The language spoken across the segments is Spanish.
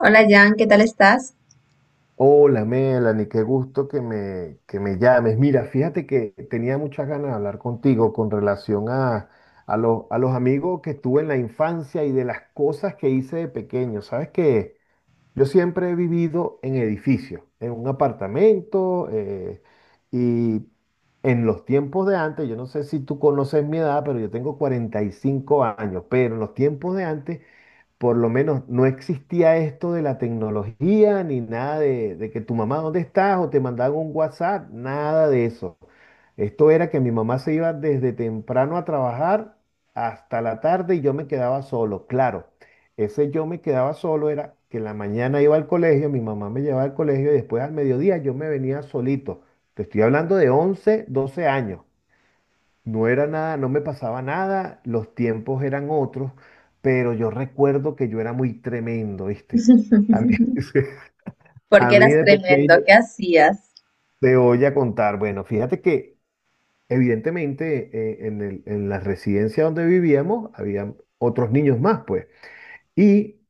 Hola Jan, ¿qué tal estás? Hola Melanie, qué gusto que me llames. Mira, fíjate que tenía muchas ganas de hablar contigo con relación a los amigos que tuve en la infancia y de las cosas que hice de pequeño. Sabes que yo siempre he vivido en edificios, en un apartamento, y en los tiempos de antes, yo no sé si tú conoces mi edad, pero yo tengo 45 años, pero en los tiempos de antes por lo menos no existía esto de la tecnología ni nada de que tu mamá, ¿dónde estás? O te mandaban un WhatsApp, nada de eso. Esto era que mi mamá se iba desde temprano a trabajar hasta la tarde y yo me quedaba solo. Claro, ese yo me quedaba solo era que en la mañana iba al colegio, mi mamá me llevaba al colegio y después al mediodía yo me venía solito. Te estoy hablando de 11 12 años. No era nada, no me pasaba nada, los tiempos eran otros, pero yo recuerdo que yo era muy tremendo, ¿viste? A mí, a Porque mí eras de tremendo, pequeño ¿qué hacías? te voy a contar. Bueno, fíjate que evidentemente, en la residencia donde vivíamos había otros niños más, pues. Y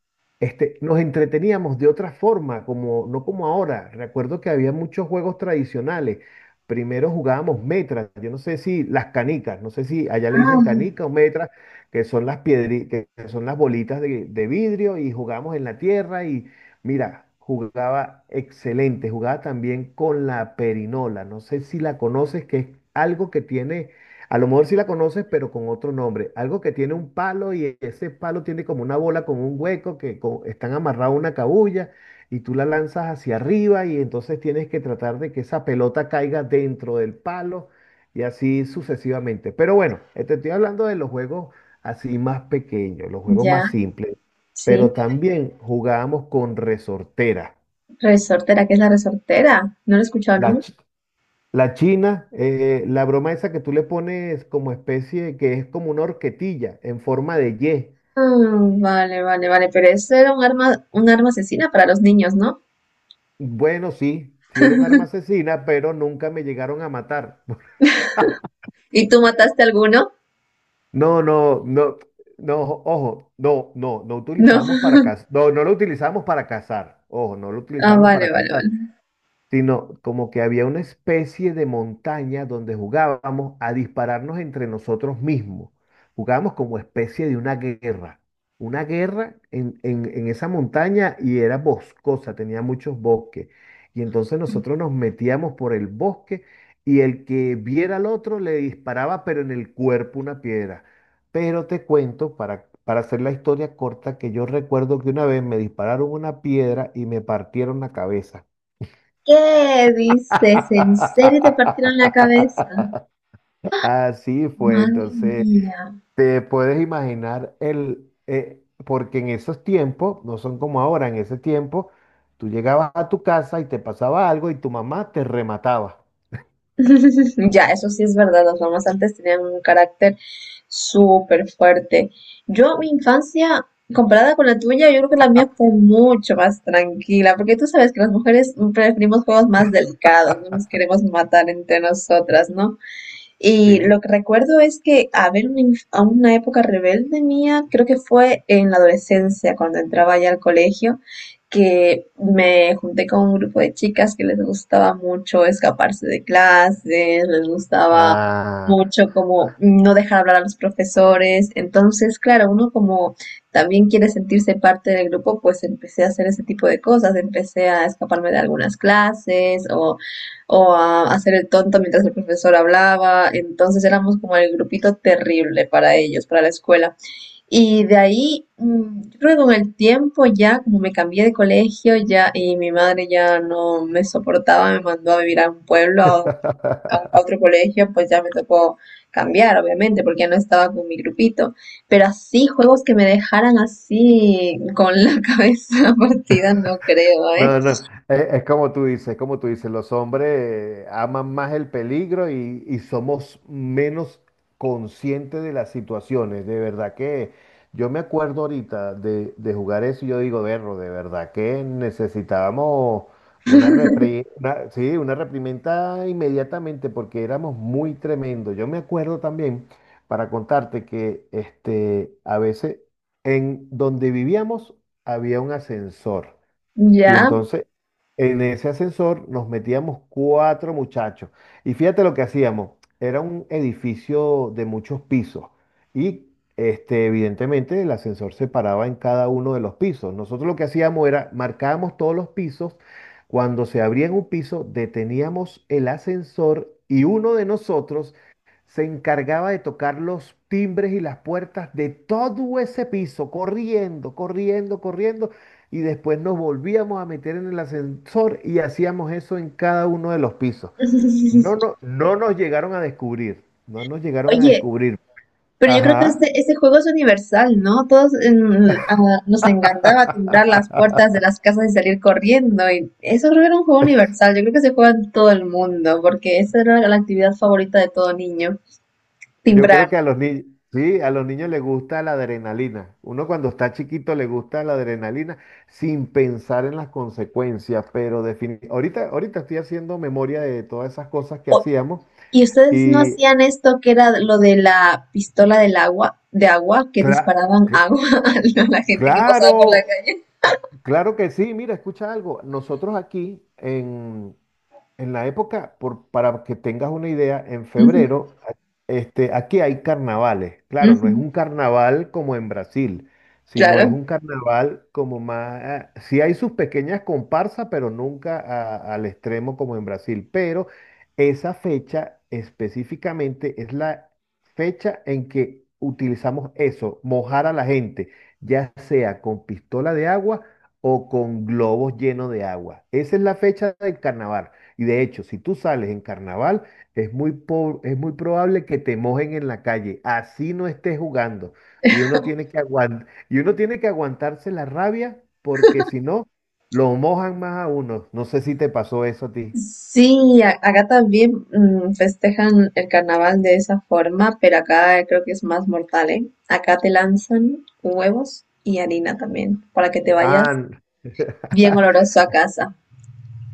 nos entreteníamos de otra forma, como no como ahora. Recuerdo que había muchos juegos tradicionales. Primero jugábamos metras, yo no sé si las canicas, no sé si allá le dicen Ah, canica o metras, que son las bolitas de vidrio y jugábamos en la tierra y mira, jugaba excelente, jugaba también con la perinola, no sé si la conoces, que es algo que tiene, a lo mejor sí la conoces, pero con otro nombre. Algo que tiene un palo y ese palo tiene como una bola con un hueco que están amarrados a una cabulla y tú la lanzas hacia arriba y entonces tienes que tratar de que esa pelota caiga dentro del palo y así sucesivamente. Pero bueno, te estoy hablando de los juegos así más pequeños, los juegos ya, más simples. sí. Pero también jugábamos con resortera. Resortera, ¿qué es la resortera? No lo he escuchado La, nunca. chi- La china, la broma esa que tú le pones como especie, que es como una horquetilla en forma de Ah, vale, vale, vale, pero eso era un arma asesina para los niños, ¿no? Y. Bueno, sí, sí era un arma asesina, pero nunca me llegaron a matar. ¿Y tú mataste a alguno? No, no, no, no, ojo, no, no, no No. utilizamos para cazar. No, no lo utilizamos para cazar. Ojo, no lo Ah, utilizamos vale, para vale, cazar, vale. sino como que había una especie de montaña donde jugábamos a dispararnos entre nosotros mismos. Jugábamos como especie de una guerra en esa montaña y era boscosa, tenía muchos bosques. Y entonces nosotros nos metíamos por el bosque y el que viera al otro le disparaba, pero en el cuerpo una piedra. Pero te cuento, para hacer la historia corta, que yo recuerdo que una vez me dispararon una piedra y me partieron la cabeza. ¿Qué dices? ¿En serio te partieron la cabeza? Así fue, Madre entonces mía. te puedes imaginar el, porque en esos tiempos, no son como ahora, en ese tiempo, tú llegabas a tu casa y te pasaba algo y tu mamá te remataba, Ya, eso sí es verdad, las mamás antes tenían un carácter súper fuerte. Yo, mi infancia, comparada con la tuya, yo creo que la mía fue mucho más tranquila, porque tú sabes que las mujeres preferimos juegos más delicados, no nos queremos matar entre nosotras, ¿no? Y ¿sí? lo que recuerdo es que haber una, a una época rebelde mía, creo que fue en la adolescencia, cuando entraba ya al colegio, que me junté con un grupo de chicas que les gustaba mucho escaparse de clases, les gustaba Ah. mucho como no dejar hablar a los profesores. Entonces, claro, uno como también quiere sentirse parte del grupo, pues empecé a hacer ese tipo de cosas, empecé a escaparme de algunas clases o a hacer el tonto mientras el profesor hablaba. Entonces éramos como el grupito terrible para ellos, para la escuela. Y de ahí, yo creo que con el tiempo ya, como me cambié de colegio ya y mi madre ya no me soportaba, me mandó a vivir a un pueblo, a, a otro colegio, pues ya me tocó cambiar, obviamente, porque ya no estaba con mi grupito. Pero así, juegos que me dejaran así con la cabeza partida, no creo, ¿eh? No, no, es, como tú dices, es como tú dices, los hombres, aman más el peligro y somos menos conscientes de las situaciones. De verdad que yo me acuerdo ahorita de jugar eso y yo digo, berro, de verdad que necesitábamos sí, una reprimenda inmediatamente porque éramos muy tremendos. Yo me acuerdo también, para contarte, que a veces en donde vivíamos había un ascensor. Y Ya. entonces, en ese ascensor nos metíamos cuatro muchachos. Y fíjate lo que hacíamos. Era un edificio de muchos pisos. Y evidentemente el ascensor se paraba en cada uno de los pisos. Nosotros lo que hacíamos era marcábamos todos los pisos. Cuando se abría en un piso, deteníamos el ascensor y uno de nosotros se encargaba de tocar los timbres y las puertas de todo ese piso, corriendo, corriendo, corriendo y después nos volvíamos a meter en el ascensor y hacíamos eso en cada uno de los pisos. No, no, no nos llegaron a descubrir, no nos llegaron a Oye, descubrir. pero yo creo que Ajá. este juego es universal, ¿no? Nos encantaba timbrar las puertas de las casas y salir corriendo. Y eso creo que era un juego universal. Yo creo que se juega en todo el mundo, porque esa era la actividad favorita de todo niño, Yo creo timbrar. que a los niños, sí, a los niños les gusta la adrenalina. Uno cuando está chiquito le gusta la adrenalina sin pensar en las consecuencias, ahorita, ahorita estoy haciendo memoria de todas esas cosas que O- hacíamos ¿Y ustedes no y hacían esto que era lo de la pistola del agua, de agua, que cla- disparaban cl- agua a la gente que pasaba por la claro, calle? claro que sí, mira, escucha algo. Nosotros aquí en la época, por, para que tengas una idea, en Ujú, febrero, aquí hay carnavales. Claro, no ujú, es un carnaval como en Brasil, sino es claro. un carnaval como más, sí hay sus pequeñas comparsas, pero nunca al extremo como en Brasil. Pero esa fecha específicamente es la fecha en que utilizamos eso, mojar a la gente, ya sea con pistola de agua o con globos llenos de agua. Esa es la fecha del carnaval. Y de hecho, si tú sales en carnaval, es muy, es muy probable que te mojen en la calle, así no estés jugando. Y uno tiene que aguantarse la rabia porque si no, lo mojan más a uno. No sé si te pasó eso a ti. Sí, acá también festejan el carnaval de esa forma, pero acá creo que es más mortal, ¿eh? Acá te lanzan huevos y harina también, para que te vayas Ah. bien oloroso a casa.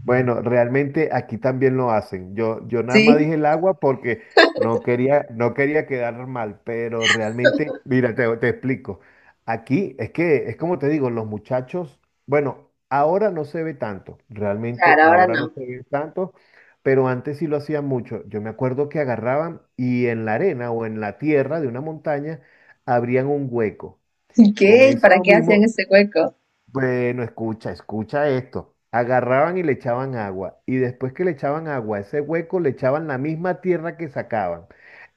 Bueno, realmente aquí también lo hacen. Yo nada más ¿Sí? dije el agua porque no quería, no quería quedar mal, pero realmente, mira, te explico. Aquí es que, es como te digo, los muchachos, bueno, ahora no se ve tanto, realmente Claro, ahora ahora no no. se ve tanto, pero antes sí lo hacían mucho. Yo me acuerdo que agarraban y en la arena o en la tierra de una montaña abrían un hueco. ¿Y Con qué? ¿Para eso qué hacían mismo ese hueco? Bueno, escucha, escucha esto. Agarraban y le echaban agua. Y después que le echaban agua a ese hueco, le echaban la misma tierra que sacaban.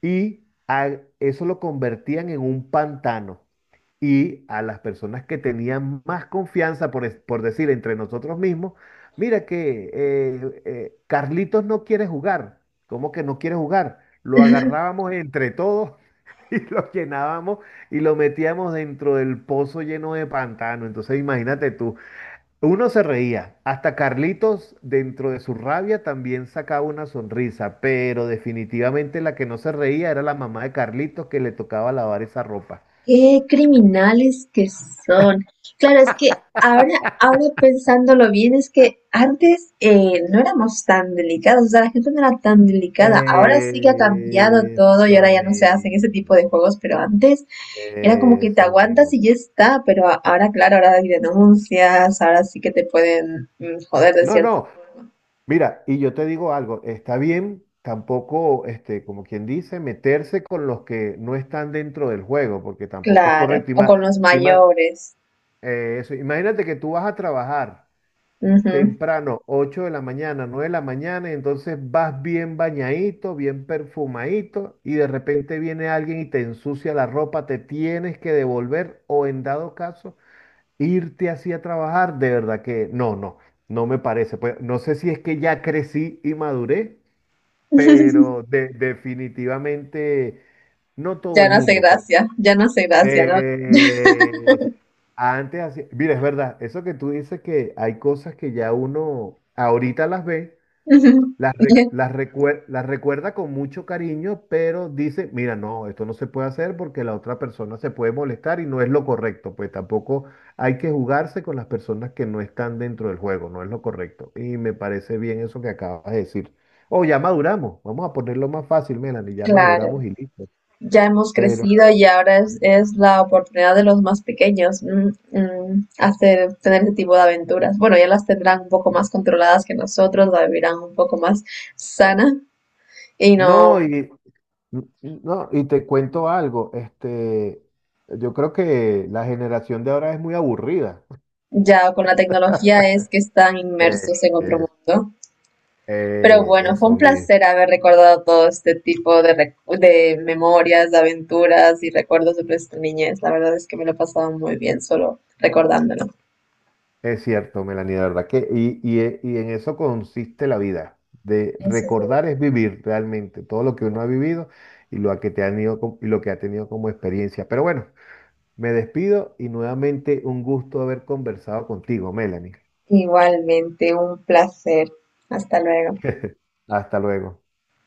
Y eso lo convertían en un pantano. Y a las personas que tenían más confianza, por, por decir entre nosotros mismos, mira que Carlitos no quiere jugar. ¿Cómo que no quiere jugar? Lo agarrábamos entre todos y lo llenábamos y lo metíamos dentro del pozo lleno de pantano. Entonces imagínate tú. Uno se reía, hasta Carlitos dentro de su rabia también sacaba una sonrisa, pero definitivamente la que no se reía era la mamá de Carlitos que le tocaba lavar esa ropa. Qué criminales que son. Claro, es que ahora, ahora pensándolo bien, es que antes no éramos tan delicados, o sea, la gente no era tan delicada. Ahora sí que ha cambiado todo y ahora Eso ya no se hacen ese tipo mismo, de juegos, pero antes era como que te eso aguantas mismo. y ya está, pero ahora, claro, ahora hay denuncias, ahora sí que te pueden joder de No, cierto. no, mira, y yo te digo algo, está bien tampoco, como quien dice, meterse con los que no están dentro del juego, porque tampoco es Claro, correcto. O con los y más, mayores. Imagínate que tú vas a trabajar Ujú. temprano, 8 de la mañana, 9 de la mañana, y entonces vas bien bañadito, bien perfumadito, y de repente viene alguien y te ensucia la ropa, te tienes que devolver o en dado caso irte así a trabajar, de verdad que no, no, no me parece. Pues no sé si es que ya crecí y maduré, pero definitivamente no todo Ya el no hace mundo puede. gracia, ya no hace gracia, ¿no? Eso. Antes así, mira, es verdad, eso que tú dices que hay cosas que ya uno ahorita las ve, Ujú. Las recuerda con mucho cariño, pero dice, mira, no, esto no se puede hacer porque la otra persona se puede molestar y no es lo correcto, pues tampoco hay que jugarse con las personas que no están dentro del juego, no es lo correcto. Y me parece bien eso que acabas de decir. O ya maduramos, vamos a ponerlo más fácil, Melanie, ya maduramos Claro. y listo. Ya hemos Pero crecido y ahora es la oportunidad de los más pequeños, hacer, tener ese tipo de aventuras. Bueno, ya las tendrán un poco más controladas que nosotros, la vivirán un poco más sana y no, no, y te cuento algo, yo creo que la generación de ahora es muy aburrida. ya con la tecnología es que están Eh, inmersos en otro es- mundo. Pero eh, bueno, fue un eso, mire, placer haber recordado todo este tipo de, de memorias, de aventuras y recuerdos de nuestra niñez. La verdad es que me lo he pasado muy bien solo recordándolo. Es cierto, Melanie, de verdad que, y en eso consiste la vida, de Eso es. recordar es vivir realmente todo lo que uno ha vivido y lo que ha tenido como experiencia. Pero bueno, me despido y nuevamente un gusto haber conversado contigo, Melanie. Igualmente, un placer. Hasta luego. Hasta luego.